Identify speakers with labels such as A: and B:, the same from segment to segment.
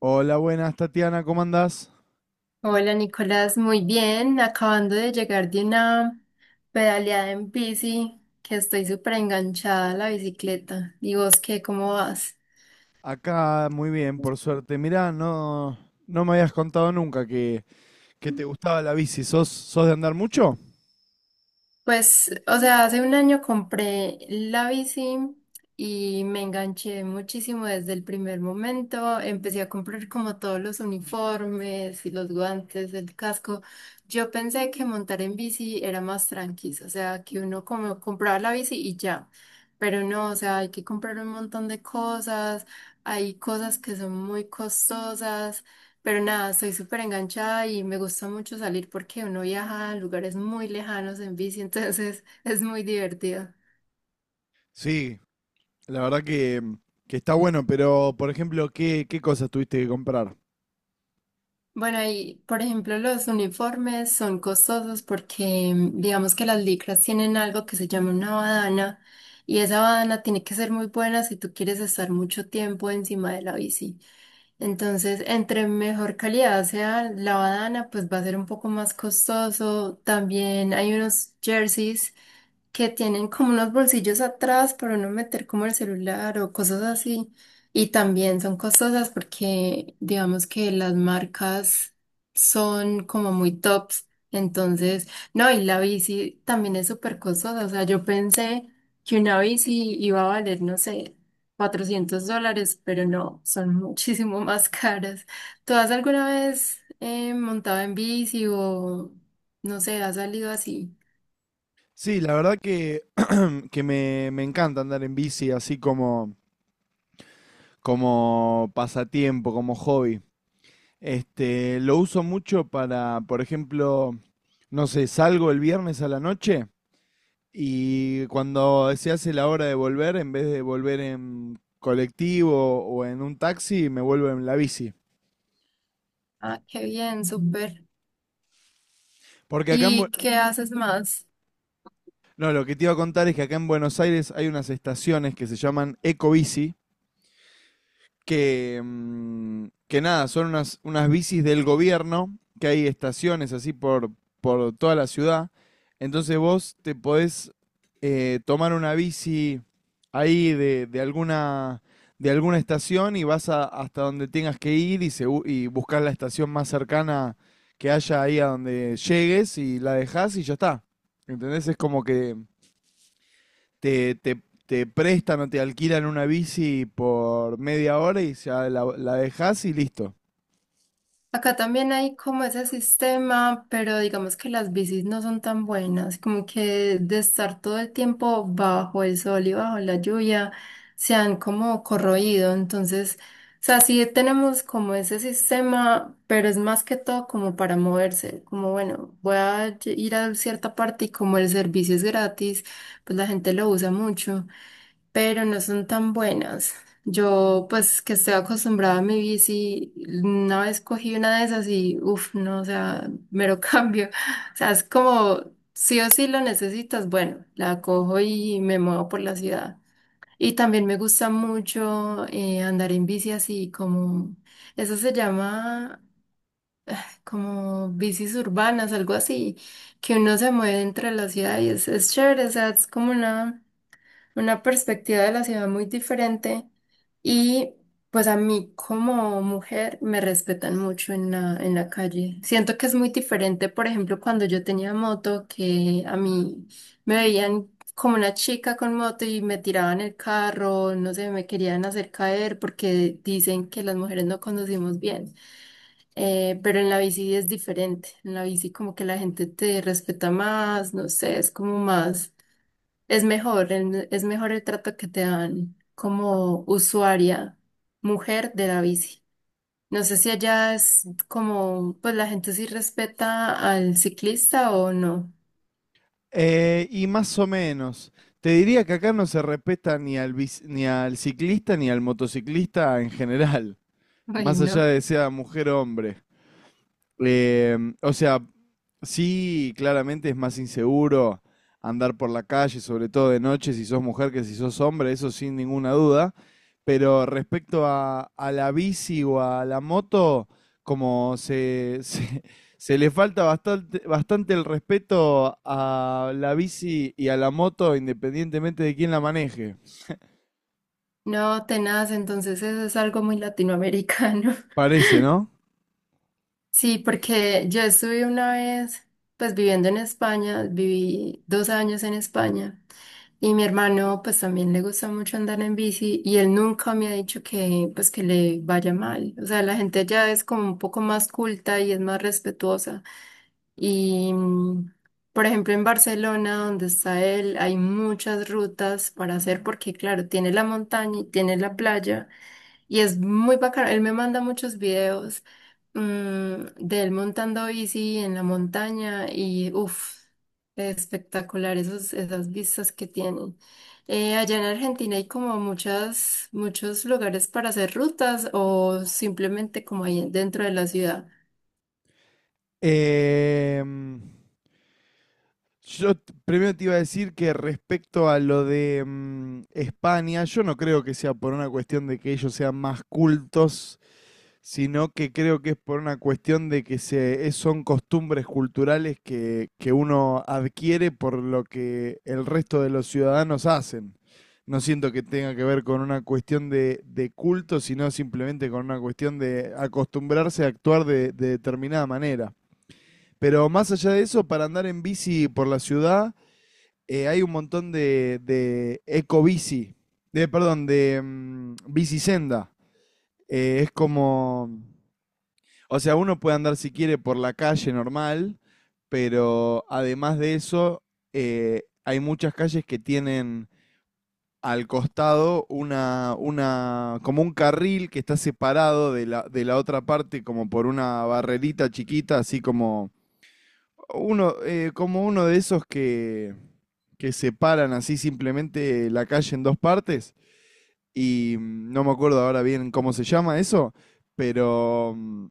A: Hola, buenas Tatiana, ¿cómo andás?
B: Hola Nicolás, muy bien, acabando de llegar de una pedaleada en bici, que estoy súper enganchada a la bicicleta. ¿Y vos qué, cómo vas?
A: Acá muy bien, por suerte. Mirá, no, no me habías contado nunca que te gustaba la bici. ¿Sos de andar mucho?
B: Pues, o sea, hace un año compré la bici y me enganché muchísimo desde el primer momento. Empecé a comprar como todos los uniformes y los guantes, el casco. Yo pensé que montar en bici era más tranquilo, o sea, que uno como compraba la bici y ya. Pero no, o sea, hay que comprar un montón de cosas. Hay cosas que son muy costosas. Pero nada, soy súper enganchada y me gusta mucho salir porque uno viaja a lugares muy lejanos en bici, entonces es muy divertido.
A: Sí, la verdad que está bueno, pero por ejemplo, ¿qué cosas tuviste que comprar?
B: Bueno, y por ejemplo, los uniformes son costosos porque digamos que las licras tienen algo que se llama una badana y esa badana tiene que ser muy buena si tú quieres estar mucho tiempo encima de la bici. Entonces, entre mejor calidad sea la badana, pues va a ser un poco más costoso. También hay unos jerseys que tienen como unos bolsillos atrás para no meter como el celular o cosas así. Y también son costosas porque digamos que las marcas son como muy tops. Entonces, no, y la bici también es súper costosa. O sea, yo pensé que una bici iba a valer, no sé, 400 dólares, pero no, son muchísimo más caras. ¿Tú has alguna vez montado en bici o, no sé, has salido así?
A: Sí, la verdad que me encanta andar en bici así como pasatiempo, como hobby. Este, lo uso mucho para, por ejemplo, no sé, salgo el viernes a la noche y cuando se hace la hora de volver, en vez de volver en colectivo o en un taxi, me vuelvo en la bici.
B: Ah, qué bien, súper.
A: Porque acá en,
B: ¿Y qué haces más?
A: No, lo que te iba a contar es que acá en Buenos Aires hay unas estaciones que se llaman Ecobici, que nada, son unas, unas bicis del gobierno, que hay estaciones así por toda la ciudad. Entonces vos te podés tomar una bici ahí de alguna estación y hasta donde tengas que ir y, y buscar la estación más cercana que haya ahí a donde llegues y la dejás y ya está. ¿Entendés? Es como que te prestan o te alquilan una bici por media hora y ya la dejas y listo.
B: Acá también hay como ese sistema, pero digamos que las bicis no son tan buenas, como que de estar todo el tiempo bajo el sol y bajo la lluvia, se han como corroído. Entonces, o sea, sí tenemos como ese sistema, pero es más que todo como para moverse, como bueno, ir a cierta parte y como el servicio es gratis, pues la gente lo usa mucho. Pero no son tan buenas. Yo, pues, que estoy acostumbrada a mi bici, una vez cogí una de esas y, uff, no, o sea, mero cambio. O sea, es como, sí o sí lo necesitas, bueno, la cojo y me muevo por la ciudad. Y también me gusta mucho andar en bici así, como, eso se llama como bicis urbanas, algo así, que uno se mueve entre la ciudad y es chévere, o sea, es como una perspectiva de la ciudad muy diferente y pues a mí como mujer me respetan mucho en la calle. Siento que es muy diferente, por ejemplo, cuando yo tenía moto, que a mí me veían como una chica con moto y me tiraban el carro, no sé, me querían hacer caer porque dicen que las mujeres no conducimos bien. Pero en la bici es diferente. En la bici como que la gente te respeta más, no sé, es como más. Es mejor, es mejor el trato que te dan como usuaria, mujer de la bici. No sé si allá es como, pues la gente sí respeta al ciclista o no.
A: Y más o menos, te diría que acá no se respeta ni al ciclista ni al motociclista en general,
B: Ay,
A: más allá
B: no.
A: de sea mujer o hombre. O sea, sí, claramente es más inseguro andar por la calle, sobre todo de noche, si sos mujer que si sos hombre, eso sin ninguna duda. Pero respecto a la bici o a la moto, como se le falta bastante, bastante el respeto a la bici y a la moto, independientemente de quién la maneje.
B: No, tenaz, entonces eso es algo muy latinoamericano.
A: Parece, ¿no?
B: Sí, porque yo estuve una vez, pues viviendo en España, viví 2 años en España y mi hermano pues también le gusta mucho andar en bici y él nunca me ha dicho que pues que le vaya mal. O sea, la gente ya es como un poco más culta y es más respetuosa. Y por ejemplo en Barcelona, donde está él, hay muchas rutas para hacer porque claro, tiene la montaña y tiene la playa. Y es muy bacano. Él me manda muchos videos, mm, de él montando bici en la montaña y uff, espectacular esos, esas vistas que tienen. Allá en Argentina hay como muchas, muchos lugares para hacer rutas o simplemente como ahí dentro de la ciudad.
A: Em, primero te iba a decir que respecto a lo de España, yo no creo que sea por una cuestión de que ellos sean más cultos, sino que creo que es por una cuestión de son costumbres culturales que uno adquiere por lo que el resto de los ciudadanos hacen. No siento que tenga que ver con una cuestión de culto, sino simplemente con una cuestión de acostumbrarse a actuar de determinada manera. Pero más allá de eso, para andar en bici por la ciudad, hay un montón de eco-bici, de, perdón, de bicisenda. Es como, o sea, uno puede andar si quiere por la calle normal, pero además de eso, hay muchas calles que tienen al costado una, como un carril que está separado de la otra parte como por una barrerita chiquita, así como uno de esos que separan así simplemente la calle en dos partes y no me acuerdo ahora bien cómo se llama eso, pero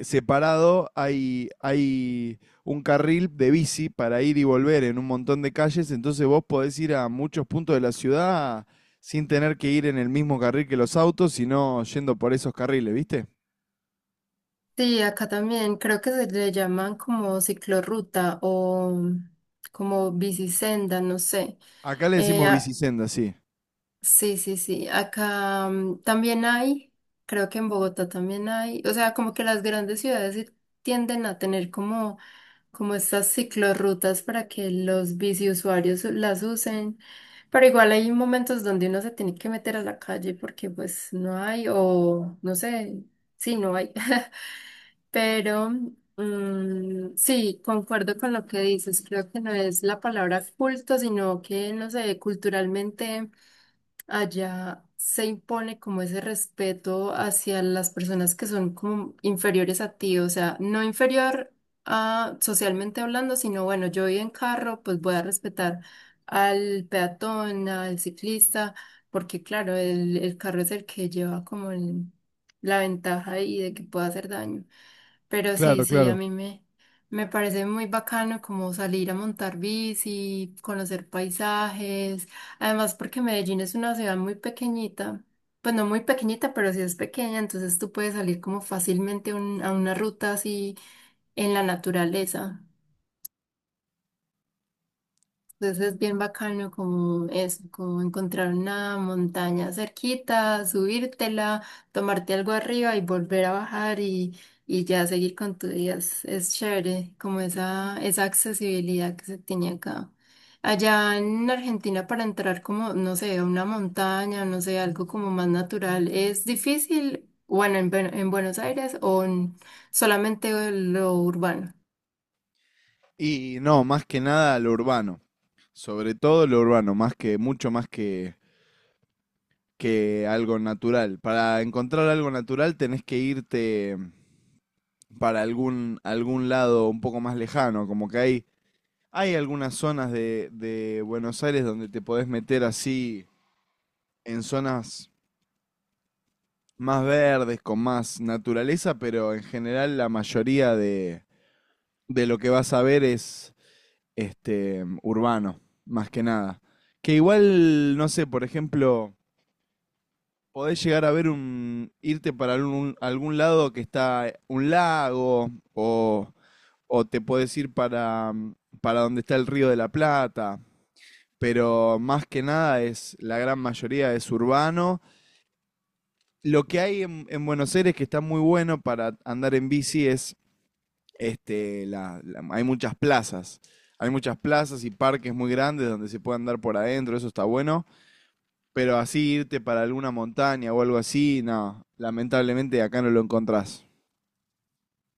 A: separado hay un carril de bici para ir y volver en un montón de calles, entonces vos podés ir a muchos puntos de la ciudad sin tener que ir en el mismo carril que los autos, sino yendo por esos carriles, ¿viste?
B: Sí, acá también creo que se le llaman como ciclorruta o como bicisenda, no sé.
A: Acá le
B: Eh,
A: decimos
B: a-
A: bicisenda, sí.
B: Sí, sí, sí. Acá también hay, creo que en Bogotá también hay, o sea, como que las grandes ciudades sí tienden a tener como, como estas ciclorrutas para que los biciusuarios las usen, pero igual hay momentos donde uno se tiene que meter a la calle porque pues no hay, o no sé, sí, no hay. Pero sí, concuerdo con lo que dices. Creo que no es la palabra culto, sino que, no sé, culturalmente allá se impone como ese respeto hacia las personas que son como inferiores a ti, o sea, no inferior a socialmente hablando, sino bueno, yo voy en carro, pues voy a respetar al peatón, al ciclista, porque claro, el carro es el que lleva como la ventaja ahí de que pueda hacer daño. Pero sí,
A: Claro,
B: sí,
A: claro.
B: me parece muy bacano como salir a montar bici, conocer paisajes. Además, porque Medellín es una ciudad muy pequeñita. Pues no muy pequeñita, pero sí es pequeña, entonces tú puedes salir como fácilmente a una ruta así en la naturaleza. Entonces es bien bacano como eso, como encontrar una montaña cerquita, subírtela, tomarte algo arriba y volver a bajar y ya seguir con tu día. Es chévere, como esa accesibilidad que se tiene acá. Allá en Argentina para entrar como, no sé, a una montaña, no sé, algo como más natural, ¿es difícil? Bueno, en, en Buenos Aires o en solamente lo urbano.
A: Y no, más que nada lo urbano. Sobre todo lo urbano, más mucho más que algo natural. Para encontrar algo natural tenés que irte para algún, algún lado un poco más lejano. Como que hay algunas zonas de Buenos Aires donde te podés meter así en zonas más verdes, con más naturaleza, pero en general la mayoría de lo que vas a ver es este, urbano, más que nada. Que igual, no sé, por ejemplo, podés llegar a ver un, irte para algún, algún lado que está un lago, o te podés ir para donde está el Río de la Plata, pero más que nada es, la gran mayoría es urbano. Lo que hay en Buenos Aires que está muy bueno para andar en bici es este, hay muchas plazas. Hay muchas plazas y parques muy grandes donde se puede andar por adentro, eso está bueno. Pero así irte para alguna montaña o algo así, no, lamentablemente acá no lo encontrás.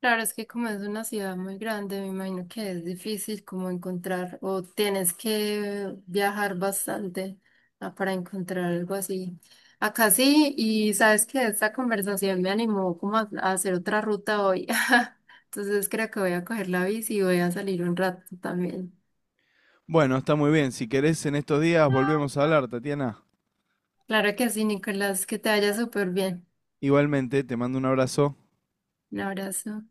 B: Claro, es que como es una ciudad muy grande, me imagino que es difícil como encontrar o tienes que viajar bastante para encontrar algo así. Acá sí, y sabes que esta conversación me animó como a hacer otra ruta hoy. Entonces creo que voy a coger la bici y voy a salir un rato también.
A: Bueno, está muy bien. Si querés, en estos días volvemos a hablar, Tatiana.
B: Claro que sí, Nicolás, que te vaya súper bien.
A: Igualmente, te mando un abrazo.
B: Un abrazo.